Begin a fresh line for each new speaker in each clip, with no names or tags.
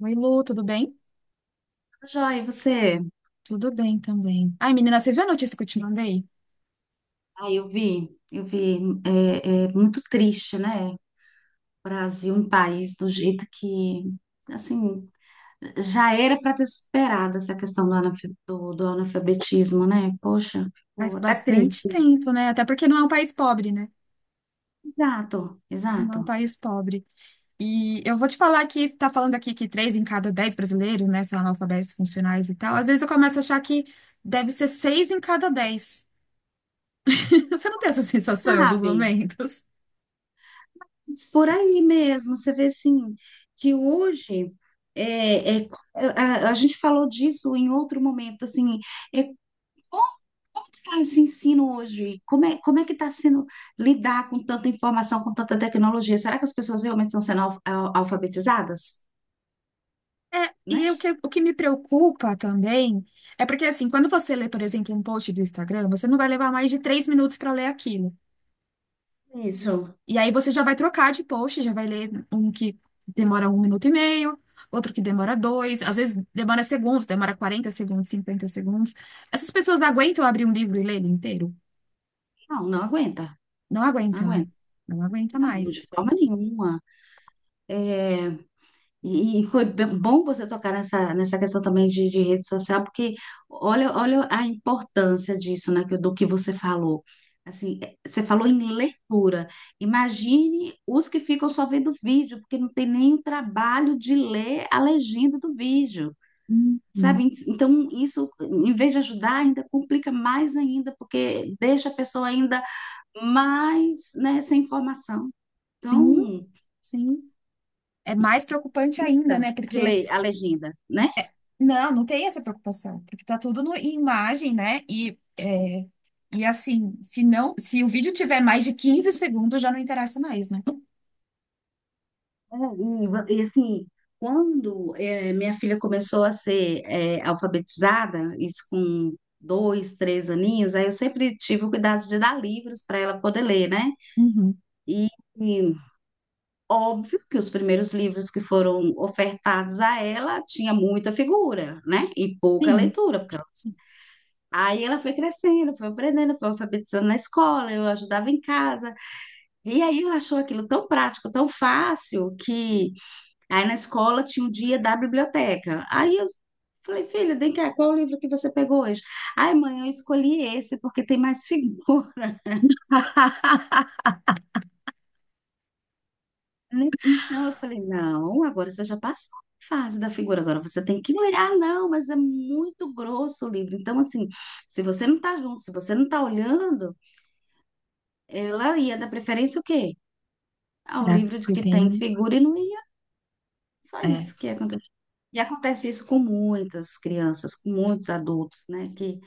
Oi, Lu, tudo bem?
Joia, e você?
Tudo bem também. Ai, menina, você viu a notícia que eu te mandei?
Ah, eu vi, eu vi. É muito triste, né? Brasil, um país do jeito que, assim, já era para ter superado essa questão do analfabetismo, né? Poxa, ficou
Faz
até
bastante
triste.
tempo, né? Até porque não é um país pobre, né?
Exato,
Não é um
exato.
país pobre. E eu vou te falar que tá falando aqui que 3 em cada 10 brasileiros, né, são analfabetos funcionais e tal. Às vezes eu começo a achar que deve ser 6 em cada 10. Você não tem essa sensação em alguns
Sabe?
momentos?
Mas por aí mesmo, você vê assim, que hoje é, é, a gente falou disso em outro momento, assim, é, como, como que está esse ensino hoje? Como é que está sendo lidar com tanta informação, com tanta tecnologia? Será que as pessoas realmente estão sendo alfabetizadas?
É, e
Né?
o que me preocupa também é porque, assim, quando você lê, por exemplo, um post do Instagram, você não vai levar mais de 3 minutos para ler aquilo.
Isso.
E aí você já vai trocar de post, já vai ler um que demora 1 minuto e meio, outro que demora dois, às vezes demora segundos, demora 40 segundos, 50 segundos. Essas pessoas aguentam abrir um livro e ler ele inteiro?
Não, não aguenta,
Não
não
aguenta, né?
aguenta.
Não aguenta
Não, de
mais.
forma nenhuma. É, E, e foi bom você tocar nessa questão também de rede social, porque olha a importância disso, né, do que você falou. Assim, você falou em leitura. Imagine os que ficam só vendo vídeo, porque não tem nem o trabalho de ler a legenda do vídeo,
Uhum.
sabe? Então, isso, em vez de ajudar, ainda complica mais ainda, porque deixa a pessoa ainda mais, né, sem informação.
Sim,
Então,
sim. É mais preocupante ainda,
tá,
né?
de
Porque
ler a legenda, né?
não tem essa preocupação, porque tá tudo no, em imagem, né? E assim, se não, se o vídeo tiver mais de 15 segundos, já não interessa mais, né?
Assim, quando minha filha começou a ser alfabetizada, isso com dois, três aninhos, aí eu sempre tive o cuidado de dar livros para ela poder ler, né?
Uhum.
E, e óbvio que os primeiros livros que foram ofertados a ela tinha muita figura, né? E pouca
Sim.
leitura, porque aí ela foi crescendo, foi aprendendo, foi alfabetizando na escola, eu ajudava em casa. E aí ela achou aquilo tão prático, tão fácil, que aí na escola tinha o dia da biblioteca. Aí eu falei, filha, vem cá, qual o livro que você pegou hoje? Ai, mãe, eu escolhi esse porque tem mais figura, né? Então eu falei, não, agora você já passou a fase da figura, agora você tem que ler. Ah, não, mas é muito grosso o livro. Então, assim, se você não tá junto, se você não tá olhando, ela ia dar preferência o quê? Ao
Caraca,
livro de
porque
que tem
tem.
figura e não ia. Só
É.
isso que ia acontecer. E acontece isso com muitas crianças, com muitos adultos, né?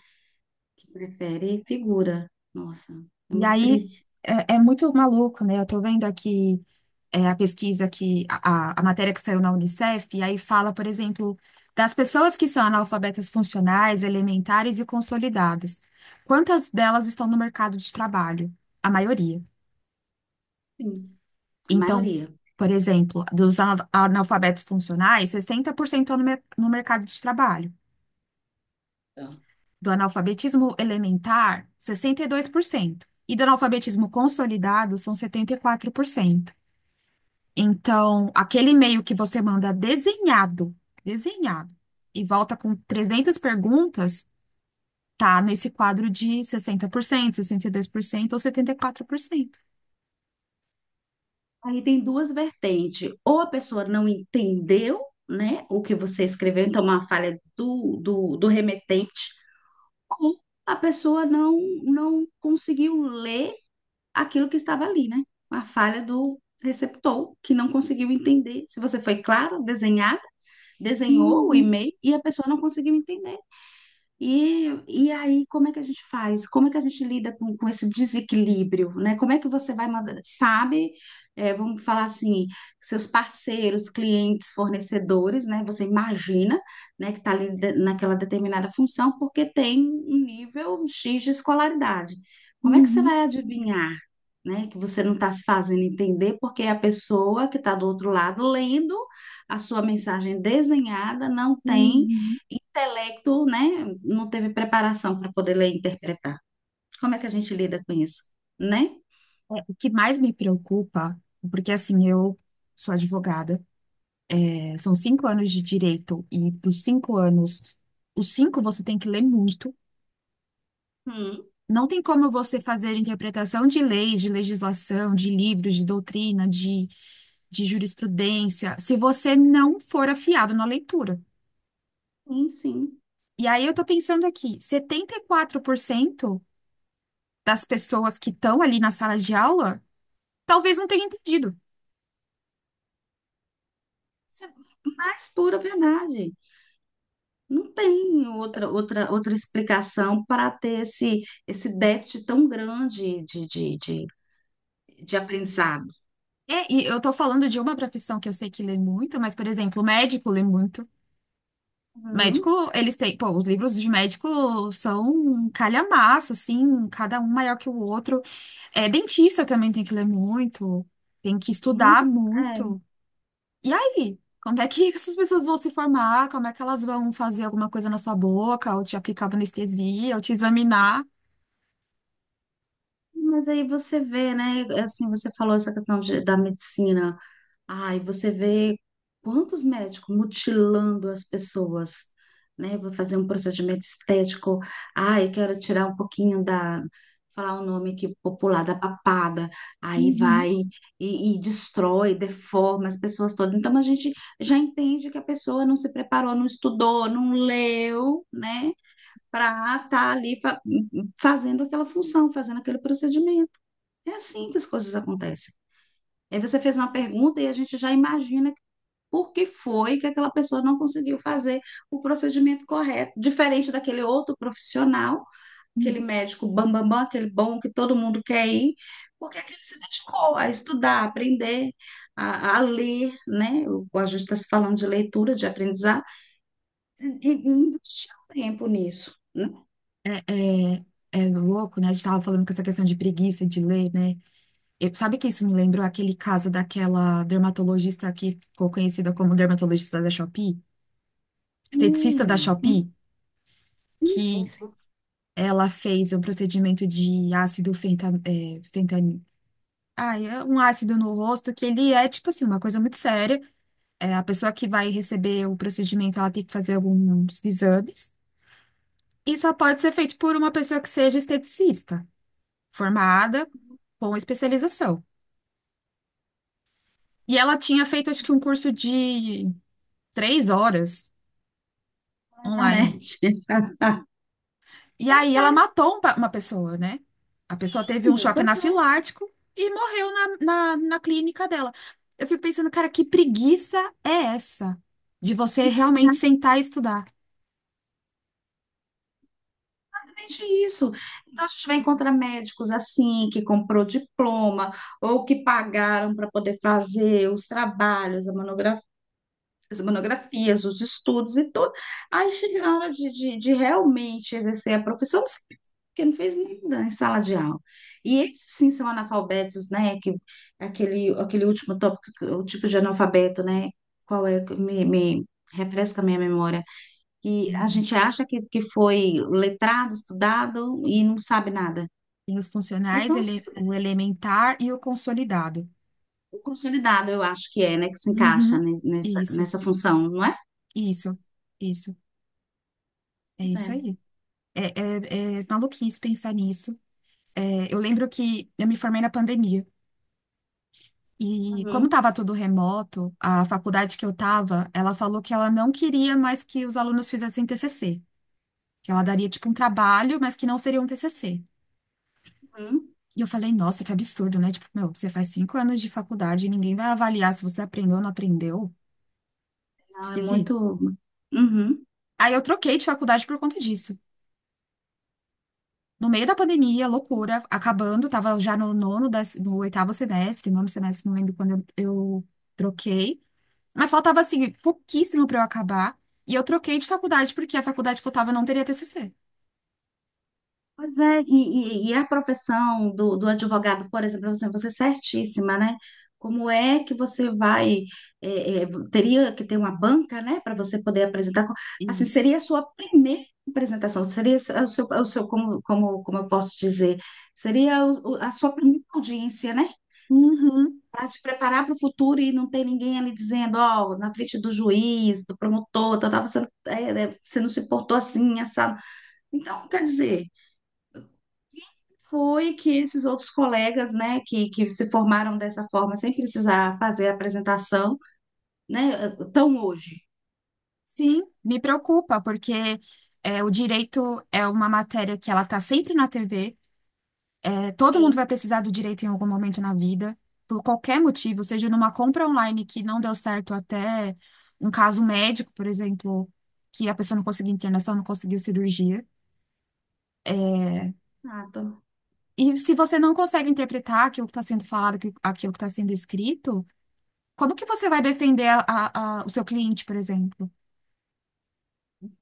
Que prefere figura. Nossa, é
E
muito
aí
triste.
é muito maluco, né? Eu tô vendo aqui a pesquisa que a matéria que saiu na Unicef, e aí fala, por exemplo, das pessoas que são analfabetas funcionais, elementares e consolidadas. Quantas delas estão no mercado de trabalho? A maioria.
Sim, a
Então,
maioria.
por exemplo, dos analfabetos funcionais, 60% estão no mercado de trabalho.
Tá.
Do analfabetismo elementar, 62%, e do analfabetismo consolidado, são 74%. Então, aquele e-mail que você manda desenhado, desenhado, e volta com 300 perguntas, tá nesse quadro de sessenta por cento, 62%, ou 74%.
Aí tem duas vertentes. Ou a pessoa não entendeu, né, o que você escreveu, então é uma falha do remetente, ou a pessoa não, não conseguiu ler aquilo que estava ali, né? Uma falha do receptor, que não conseguiu entender. Se você foi claro, desenhada, desenhou o
Uhum,
e-mail e a pessoa não conseguiu entender. E aí, como é que a gente faz? Como é que a gente lida com esse desequilíbrio, né? Como é que você vai mandar, sabe? É, vamos falar assim, seus parceiros, clientes, fornecedores, né? Você imagina, né, que está ali naquela determinada função porque tem um nível X de escolaridade. Como é que você
uhum,
vai adivinhar, né, que você não está se fazendo entender porque a pessoa que está do outro lado lendo a sua mensagem desenhada não tem
uhum.
intelecto, né, não teve preparação para poder ler e interpretar. Como é que a gente lida com isso, né?
É, o que mais me preocupa, porque assim, eu sou advogada. São 5 anos de direito, e dos 5 anos, os cinco você tem que ler muito.
Hum,
Não tem como você fazer interpretação de leis, de legislação, de livros, de doutrina, de jurisprudência, se você não for afiado na leitura.
sim.
E aí eu tô pensando aqui, 74% das pessoas que estão ali na sala de aula talvez não tenham entendido.
Isso é mais pura verdade. Não tem outra explicação para ter esse déficit tão grande de aprendizado.
É, e eu tô falando de uma profissão que eu sei que lê muito, mas, por exemplo, o médico lê muito. Médico,
Hum,
eles têm, pô, os livros de médico são um calhamaço, assim, cada um maior que o outro. É, dentista também tem que ler muito, tem que estudar
muitos, é.
muito. E aí? Como é que essas pessoas vão se formar? Como é que elas vão fazer alguma coisa na sua boca, ou te aplicar uma anestesia, ou te examinar?
Mas aí você vê, né? Assim, você falou essa questão da medicina. Ai, você vê quantos médicos mutilando as pessoas, né? Vou fazer um procedimento estético. Ai, quero tirar um pouquinho falar o nome aqui popular, da papada. Aí
Uhum.
vai e destrói, deforma as pessoas todas. Então a gente já entende que a pessoa não se preparou, não estudou, não leu, né? Para estar ali fazendo aquela função, fazendo aquele procedimento. É assim que as coisas acontecem. Aí você fez uma pergunta e a gente já imagina por que foi que aquela pessoa não conseguiu fazer o procedimento correto, diferente daquele outro profissional, aquele médico bam, bam, bam, aquele bom que todo mundo quer ir, porque aquele se dedicou a estudar, a aprender, a ler, né? A gente está se falando de leitura, de aprendizado, e investir tempo nisso. Né?
É, é, é louco, né? A gente tava falando com essa questão de preguiça de ler, né? Sabe que isso me lembrou aquele caso daquela dermatologista que ficou conhecida como dermatologista da Shopee? Esteticista da
Hum, hum,
Shopee,
sim, sim,
que
sim,
ela fez um procedimento de ácido fenta, é, fentan- ah, é um ácido no rosto, que ele é, tipo assim, uma coisa muito séria. É, a pessoa que vai receber o procedimento, ela tem que fazer alguns exames. E só pode ser feito por uma pessoa que seja esteticista, formada com especialização. E ela tinha feito, acho que, um curso de 3 horas
na
online.
internet.
E aí ela matou uma pessoa, né? A pessoa teve um
Sim,
choque
pois é.
anafilático e morreu na clínica dela. Eu fico pensando, cara, que preguiça é essa de você realmente sentar e estudar?
Exatamente isso. Então, a gente vai encontrar médicos assim, que comprou diploma, ou que pagaram para poder fazer os trabalhos, a as monografias, os estudos e tudo. Aí chega na hora de realmente exercer a profissão, não sei, porque não fez nada em sala de aula. E esses sim são analfabetos, né? Que, aquele último tópico, o tipo de analfabeto, né? Qual é? Me refresca a minha memória. E a
Uhum.
gente acha que foi letrado, estudado e não sabe nada.
Tem os
Eles
funcionais,
são
o elementar e o consolidado.
o consolidado, eu acho que é, né? Que se encaixa
Uhum.
nessa,
Isso,
nessa função, não é?
isso, isso. É
Pois
isso
é.
aí. É maluquice pensar nisso. É, eu lembro que eu me formei na pandemia. E como
Uhum,
estava tudo remoto, a faculdade que eu estava, ela falou que ela não queria mais que os alunos fizessem TCC, que ela daria tipo um trabalho, mas que não seria um TCC.
uhum.
E eu falei, nossa, que absurdo, né? Tipo, meu, você faz 5 anos de faculdade e ninguém vai avaliar se você aprendeu ou não aprendeu.
Não, é
Esquisito.
muito. Uhum.
Aí eu troquei de faculdade por conta disso. No meio da pandemia, loucura, acabando, tava já no nono, no oitavo semestre, nono semestre, não lembro quando eu troquei. Mas faltava, assim, pouquíssimo pra eu acabar. E eu troquei de faculdade, porque a faculdade que eu tava não teria TCC.
Pois é, e a profissão do, do advogado, por exemplo, assim, você é certíssima, né? Como é que você vai, é, é, teria que ter uma banca, né, para você poder apresentar? Assim,
Isso.
seria a sua primeira apresentação, seria o seu como eu posso dizer, seria a sua primeira audiência, né?
Uhum,
Para te preparar para o futuro e não ter ninguém ali dizendo, ó, na frente do juiz, do promotor, tal, tal, você, é, é, você não se portou assim, assado. Então, quer dizer foi que esses outros colegas, né, que se formaram dessa forma, sem precisar fazer a apresentação, né, estão hoje.
sim, me preocupa, porque o direito é uma matéria que ela tá sempre na TV. É, todo mundo
Sim.
vai precisar do direito em algum momento na vida, por qualquer motivo, seja numa compra online que não deu certo, até um caso médico, por exemplo, que a pessoa não conseguiu internação, não conseguiu cirurgia. É,
Exato.
e se você não consegue interpretar aquilo que está sendo falado, aquilo que está sendo escrito, como que você vai defender o seu cliente, por exemplo?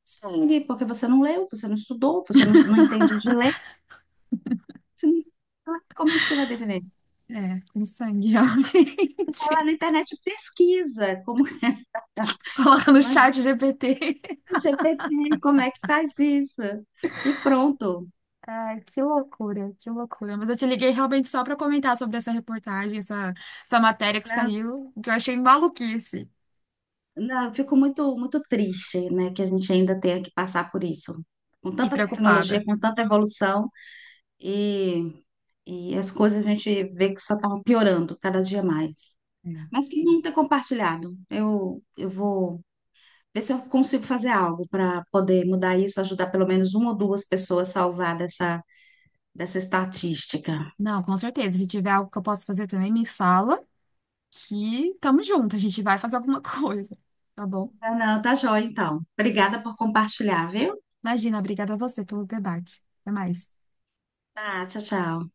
Segue, porque você não leu, você não estudou, você não, não entende de ler. Você não- Ah, como é que você vai defender?
É, com sangue,
Vai
realmente.
na internet pesquisa, como
Coloca no
né?
chat GPT.
GPT, como é que faz isso? E pronto.
Ai, que loucura, que loucura. Mas eu te liguei realmente só para comentar sobre essa reportagem, essa matéria que
Né?
saiu, que eu achei maluquice
Não, eu fico muito, muito triste, né, que a gente ainda tenha que passar por isso. Com
e
tanta tecnologia,
preocupada.
com tanta evolução, e E as coisas a gente vê que só estavam piorando cada dia mais.
É.
Mas que bom ter compartilhado. Eu vou ver se eu consigo fazer algo para poder mudar isso, ajudar pelo menos uma ou duas pessoas a salvar dessa, dessa estatística.
Não, com certeza. Se tiver algo que eu possa fazer também, me fala que tamo junto. A gente vai fazer alguma coisa, tá bom?
Tá, não, tá joia, então. Obrigada por compartilhar, viu?
Imagina, obrigada a você pelo debate. Até mais.
Tá, tchau, tchau.